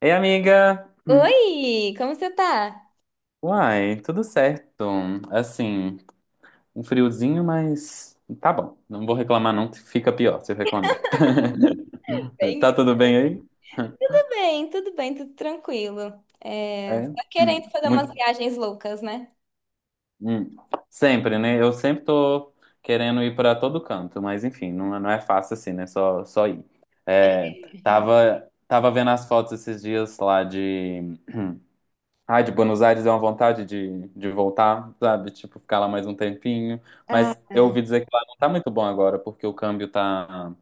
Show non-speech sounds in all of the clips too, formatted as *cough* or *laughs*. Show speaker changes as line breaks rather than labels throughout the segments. Ei, amiga! Hum.
Oi, como você tá?
Uai, tudo certo. Assim, um friozinho, mas tá bom. Não vou reclamar, não. Fica pior se eu reclamar. *laughs*
Bem
Tá
isso.
tudo bem aí?
Tudo bem, tudo bem, tudo tranquilo. É,
É.
tá querendo fazer umas
Muito.
viagens loucas, né?
Hum. Sempre, né? Eu sempre tô querendo ir pra todo canto, mas enfim, não, não é fácil assim, né? Só ir. É,
Real.
tava vendo as fotos esses dias lá de. Ai, de Buenos Aires é uma vontade de voltar, sabe? Tipo, ficar lá mais um tempinho.
Ah,
Mas eu ouvi dizer que lá não tá muito bom agora, porque o câmbio tá.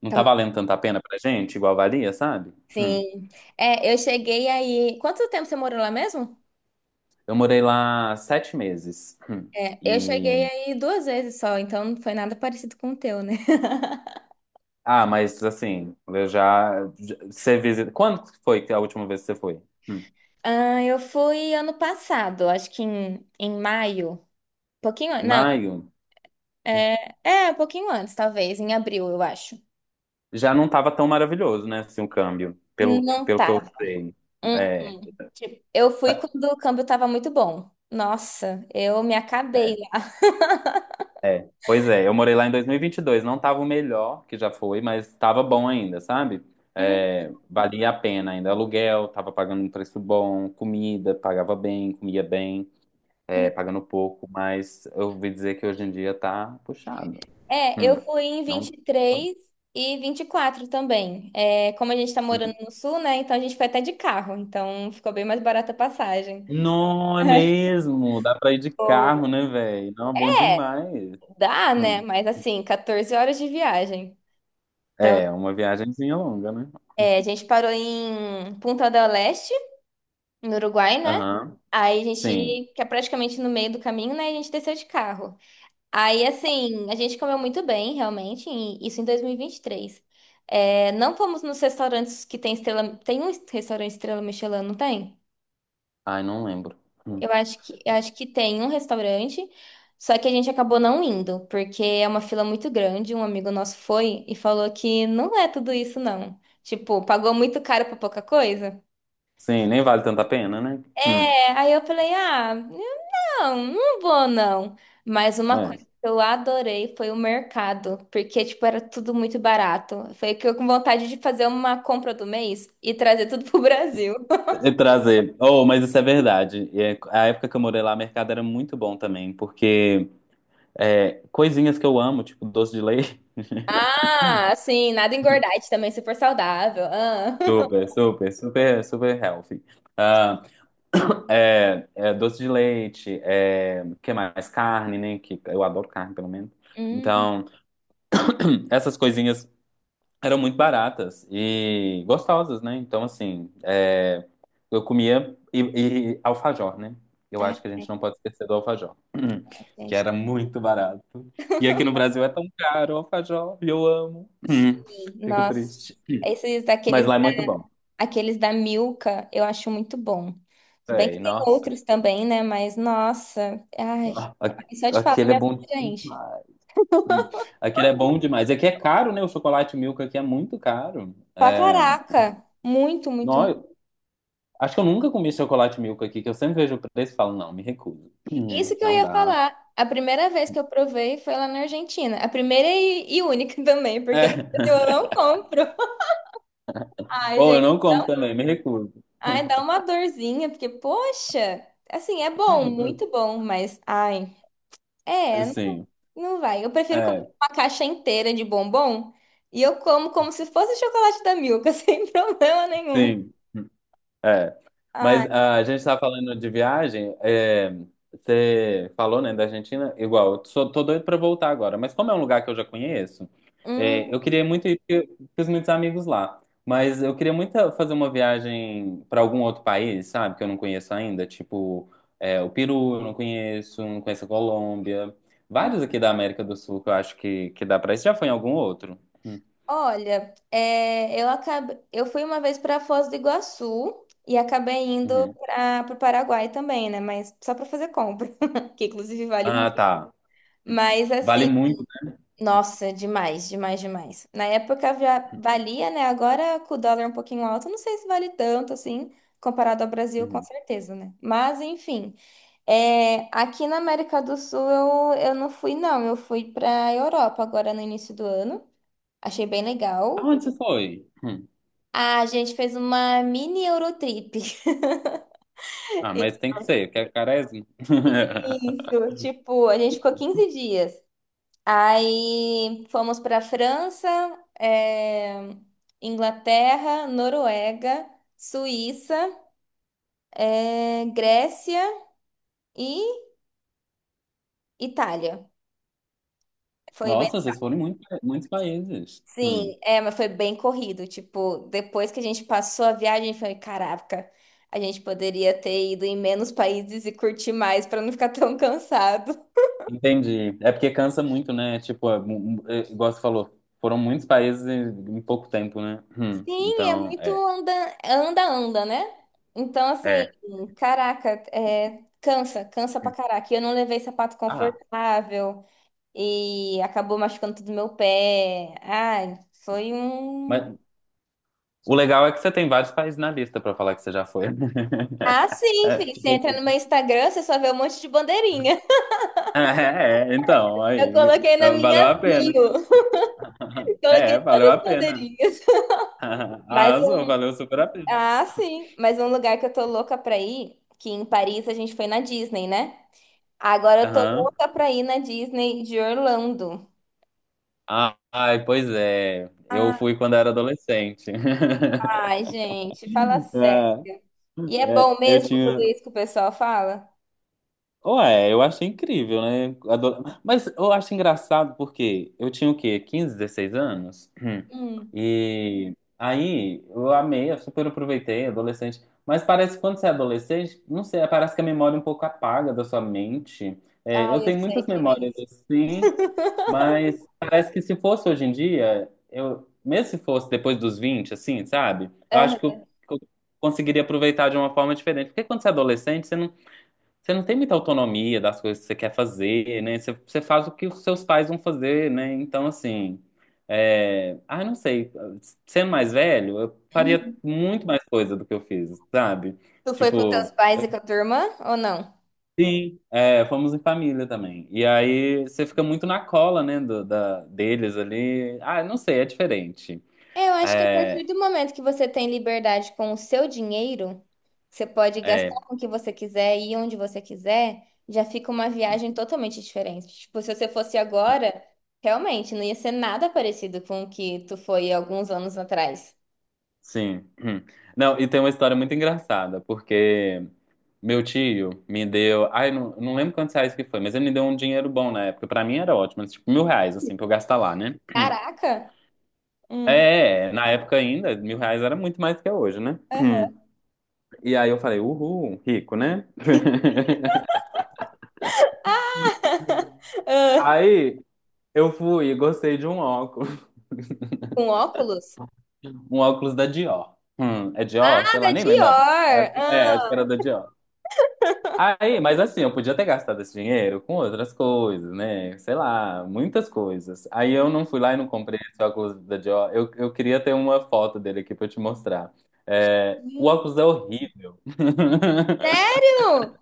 Não
tá,
tá
bom.
valendo tanta pena pra gente, igual valia, sabe? Hum.
Sim. É, eu cheguei aí. Quanto tempo você morou lá mesmo?
Eu morei lá 7 meses.
É, eu cheguei
E.
aí duas vezes só, então não foi nada parecido com o teu, né? *laughs*
Ah, mas assim, Você visita. Quando foi que a última vez que você foi? Hum.
Ah, eu fui ano passado, acho que em maio. Pouquinho,
Em
não,
maio?
um pouquinho antes, talvez, em abril, eu acho.
Já não tava tão maravilhoso, né? Assim, o câmbio, pelo,
Não
pelo que
tá.
eu sei.
Hum,
É.
hum. Eu fui quando o câmbio estava muito bom. Nossa, eu me acabei lá.
É, pois é, eu morei lá em dois mil e vinte e dois. Não tava o melhor que já foi, mas tava bom ainda, sabe?
Hum,
É, valia a pena ainda, aluguel, tava pagando um preço bom, comida, pagava bem, comia bem,
hum.
é, pagando pouco, mas eu ouvi dizer que hoje em dia tá puxado.
É, eu
Hum,
fui em
não...
vinte e três e vinte e quatro também. É, como a gente tá morando
Hum.
no sul, né? Então a gente foi até de carro. Então ficou bem mais barata a passagem.
Não, é mesmo, dá pra ir de
Ou-
carro, né, velho? Não, é bom
É,
demais.
dá, né?
Hum.
Mas assim, 14 horas de viagem.
É, uma viagenzinha longa, né?
É, a gente parou em Punta del Este, no Uruguai, né?
Aham,
Aí a
sim.
gente, que é praticamente no meio do caminho, né? A gente desceu de carro. Aí, assim, a gente comeu muito bem, realmente, e isso em 2023. É, não fomos nos restaurantes que tem estrela. Tem um restaurante Estrela Michelin, não tem?
Ai, não lembro. Hum.
Eu acho que tem um restaurante, só que a gente acabou não indo, porque é uma fila muito grande. Um amigo nosso foi e falou que não é tudo isso, não. Tipo, pagou muito caro pra pouca coisa.
Sim, nem vale tanta pena, né?
É, aí eu falei, ah. Não, não vou não. Mas uma coisa
É.
que eu adorei foi o mercado, porque tipo era tudo muito barato. Foi que eu com vontade de fazer uma compra do mês e trazer tudo pro Brasil. *laughs*
E trazer. Oh, mas isso é verdade. E a época que eu morei lá, o mercado era muito bom também, porque é, coisinhas que eu amo, tipo doce de leite.
Ah, sim, nada engordante também, super saudável. Ah.
*laughs*
*laughs*
Super, super, super, super healthy. Ah, *coughs* doce de leite, é, que mais? Carne, né? Que eu adoro carne, pelo menos.
Hum.
Então, *coughs* essas coisinhas eram muito baratas e gostosas, né? Então, assim, é, eu comia e alfajor, né? Eu acho que a
Ai,
gente não pode esquecer do alfajor, *clears throat* que
gente.
era muito barato. E aqui no Brasil é tão caro o alfajor, e eu amo.
Sim,
*clears throat* Fico
nossa.
triste.
Esses
Mas
daqueles,
lá é muito bom.
aqueles da Milka, eu acho muito bom. Se bem que
É,
tem
nossa,
outros também, né? Mas nossa, ai,
a-
só de falar
aquele é
minha
bom
boca já enche.
demais. Hum. Aquele é bom demais. Aqui é caro, né? O chocolate Milka aqui é muito caro.
Pra
É...
caraca! Muito, muito,
Nó,
muito.
acho que eu nunca comi chocolate milk aqui, que eu sempre vejo o preço e falo, não, me recuso. Uhum,
Isso que eu
não
ia
dá.
falar. A primeira vez que eu provei foi lá na Argentina. A primeira e única *laughs* também,
É.
porque no Brasil
*laughs*
eu não compro. *laughs* Ai,
Ou eu
gente.
não como também, me recuso.
Ai, dá uma dorzinha, porque, poxa, assim, é bom, muito
*laughs*
bom, mas, ai, é, não,
Sim.
não vai. Eu prefiro comer
É,
uma caixa inteira de bombom e eu como como se fosse chocolate da Milka, *laughs* sem problema nenhum.
sim. É.
Ai.
Mas ah, a gente está falando de viagem. É, você falou, né, da Argentina? Igual, tô doido para voltar agora. Mas como é um lugar que eu já conheço, é,
Hum.
eu queria muito ir porque eu fiz muitos amigos lá. Mas eu queria muito fazer uma viagem para algum outro país, sabe? Que eu não conheço ainda. Tipo, é, o Peru eu não conheço, não conheço a Colômbia.
Hum.
Vários aqui da América do Sul que eu acho que dá para ir. Você já foi em algum outro? Hum,
Olha, é, eu acabei, eu fui uma vez para Foz do Iguaçu e acabei indo
uhum.
para o Paraguai também, né? Mas só para fazer compra, *laughs* que inclusive vale
Ah,
muito.
tá.
Mas
Vale
assim,
muito.
nossa, demais, demais, demais. Na época já valia, né? Agora com o dólar um pouquinho alto, não sei se vale tanto assim, comparado ao Brasil, com
Uhum.
certeza, né? Mas enfim, é, aqui na América do Sul eu não fui, não. Eu fui para Europa agora no início do ano. Achei bem legal.
Aonde você foi? Hum.
A gente fez uma mini Eurotrip.
Ah, mas tem
*laughs*
que ser, que é Quaresma. *laughs*
Isso, tipo, a gente ficou 15 dias. Aí fomos para França, eh, Inglaterra, Noruega, Suíça, Grécia e Itália. Foi bem,
Nossa, vocês foram em muito, muitos países.
sim, é, mas foi bem corrido. Tipo, depois que a gente passou a viagem, foi, caraca, a gente poderia ter ido em menos países e curtir mais para não ficar tão cansado.
Entendi. É porque cansa muito, né? Tipo, é, é, igual você falou, foram muitos países em pouco tempo, né?
Sim, é
Então,
muito
é,
anda, anda, anda, né? Então, assim,
é.
caraca, é, cansa, cansa pra
Hum.
caraca. E eu não levei sapato
Ah,
confortável e acabou machucando tudo meu pé. Ai, foi um.
mas o legal é que você tem vários países na lista pra falar que você já foi.
Ah,
*laughs*
sim,
É,
filho.
tipo,
Você entra no meu Instagram, você só vê um monte de bandeirinha. *laughs*
é, *laughs* é, então,
Eu
aí,
coloquei na
valeu a
minha
pena.
bio. *laughs*
*laughs*
Coloquei
É, valeu
todas
a
as
pena.
bandeirinhas.
*laughs*
*laughs* Mas
Arrasou,
um...
valeu super a pena.
Ah, sim. Mas um lugar que eu tô louca pra ir, que em Paris a gente foi na Disney, né? Agora eu tô
Aham.
louca pra ir na Disney de Orlando.
Ah, ai, pois é. Eu fui quando era adolescente.
Ai,
*laughs*
gente, fala sério. E
É,
é bom
eu
mesmo tudo
tinha.
isso que o pessoal fala?
Ué, eu achei incrível, né? Mas eu acho engraçado porque eu tinha o quê? 15, 16 anos?
Hum.
E aí eu amei, eu super aproveitei, adolescente. Mas parece que quando você é adolescente, não sei, parece que a memória é um pouco apaga da sua mente. É, eu
Ai, eu
tenho
sei
muitas
como é
memórias
isso.
assim. Mas parece que se fosse hoje em dia, eu, mesmo se fosse depois dos 20 assim, sabe? Eu acho que eu,
Aham.
que eu conseguiria aproveitar de uma forma diferente. Porque quando você é adolescente, você não tem muita autonomia das coisas que você quer fazer, né? Você faz o que os seus pais vão fazer, né? Então, assim, é... ah, não sei. Sendo mais velho, eu faria
Uhum.
muito mais coisa do que eu fiz, sabe?
Tu foi com teus
Tipo.
pais e com a tua irmã ou não?
Sim, é, fomos em família também. E aí você fica muito na cola, né, da, deles ali. Ah, não sei, é diferente.
Eu acho que a
É,
partir do momento que você tem liberdade com o seu dinheiro, você pode gastar
é,
com o que você quiser e ir onde você quiser, já fica uma viagem totalmente diferente. Tipo, se você fosse agora, realmente não ia ser nada parecido com o que tu foi alguns anos atrás.
sim. Hum. Não, e tem uma história muito engraçada, porque meu tio me deu. Ai, não, não lembro quantos reais que foi, mas ele me deu um dinheiro bom na época. Pra mim era ótimo, tipo R$ 1.000, assim, pra eu gastar lá, né? Hum.
Caraca! Hum.
É, na época ainda, R$ 1.000 era muito mais que é hoje, né?
Aham.
Hum. E aí eu falei, uhul, rico, né? *laughs*
*laughs* Ah.
Aí eu fui e gostei de um óculos.
Com óculos?
Um óculos da Dior. É Dior?
Ah,
Sei lá,
da
nem lembrava.
Dior!
Acho que
Ah.
era da Dior. Aí, mas assim, eu podia ter gastado esse dinheiro com outras coisas, né? Sei lá, muitas coisas. Aí eu não fui lá e não comprei esse óculos da Dior. Eu queria ter uma foto dele aqui pra eu te mostrar. É, o
Hum.
óculos é horrível. *laughs*
Sério?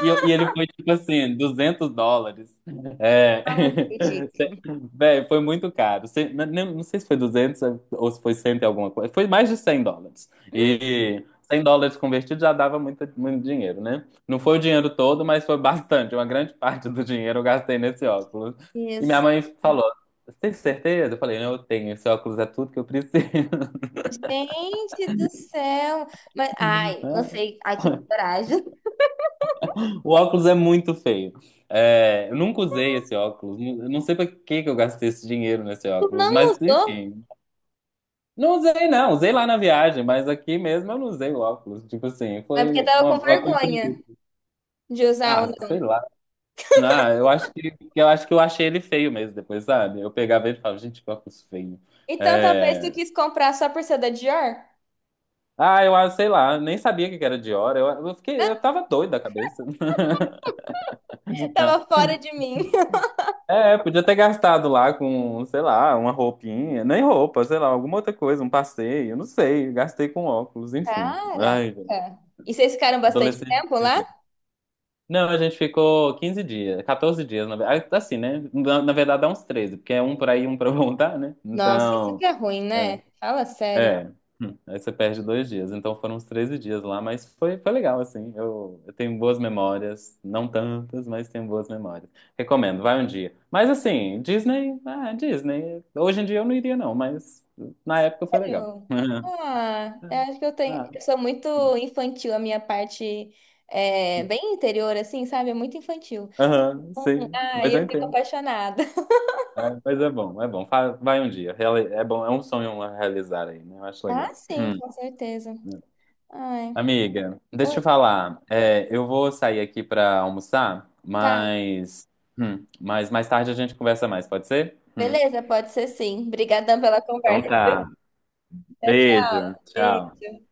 E, e ele foi tipo assim, US$ 200. É.
Ah, não acredito.
*laughs* Velho, foi muito caro. Não, sei se foi 200 ou se foi 100 e alguma coisa. Foi mais de US$ 100. E US$ 100 convertido já dava muito, muito dinheiro, né? Não foi o dinheiro todo, mas foi bastante. Uma grande *laughs* parte do dinheiro eu gastei nesse óculos. E minha mãe falou: Você tem certeza? Eu falei: Eu tenho, esse óculos é tudo que eu preciso. *laughs*
Gente do céu! Mas, ai, não sei. Ai, que coragem. *laughs*
O óculos é muito feio. É, eu nunca usei esse óculos. Não. Eu não sei pra que que eu gastei esse dinheiro nesse
Tu
óculos,
não
mas
usou?
enfim. Não usei, não. Usei lá na viagem, mas aqui mesmo eu não usei o óculos. Tipo assim,
É
foi
porque tava com
uma compra
vergonha
inútil.
de usar
Ah,
o.
sei lá. Ah, eu acho que eu acho que eu achei ele feio mesmo depois, sabe? Eu pegava ele e falava, gente, que óculos feio.
Então talvez tu
É,
quis comprar só por ser da Dior?
ah, eu sei lá, nem sabia que era Dior. Eu fiquei, eu tava doido da cabeça. *laughs*
Tava fora de mim. *laughs*
É, podia ter gastado lá com, sei lá, uma roupinha, nem roupa, sei lá, alguma outra coisa, um passeio, não sei, gastei com óculos, enfim.
Caraca!
Ai, gente,
E vocês ficaram bastante
adolescente.
tempo lá?
Não, a gente ficou 15 dias, 14 dias, na verdade é uns treze, porque um pra ir um pra *laughs* voltar, né?
Nossa, isso que
Então,
é ruim,
é.
né? Fala sério.
É, aí você perde 2 dias. Então foram uns 13 dias lá, mas foi legal, assim. Eu tenho boas memórias, não tantas, mas tenho boas memórias. Recomendo, vai um dia. Mas assim, Disney, ah, Disney. Hoje em dia eu não iria, não, mas na época foi legal.
Sério?
*laughs*
Ah, eu acho que eu tenho.
Ah,
Eu sou muito infantil, a minha parte é bem interior, assim, sabe? É muito infantil.
aham, sim,
Ah, e
mas eu
eu fico
entendo.
apaixonada.
É, mas é bom, é bom. Vai um dia. É bom, é um sonho a realizar aí, né? Eu acho
Ah,
legal.
sim, com
*clears throat*
certeza. Ai.
Amiga, deixa
Oi,
eu falar. É, eu vou sair aqui pra almoçar,
tá.
mas mais tarde a gente conversa mais, pode ser? Hum.
Beleza, pode ser sim. Obrigadão pela
Então
conversa.
tá.
Tchau, tchau.
Beijo, tchau.
Beijo.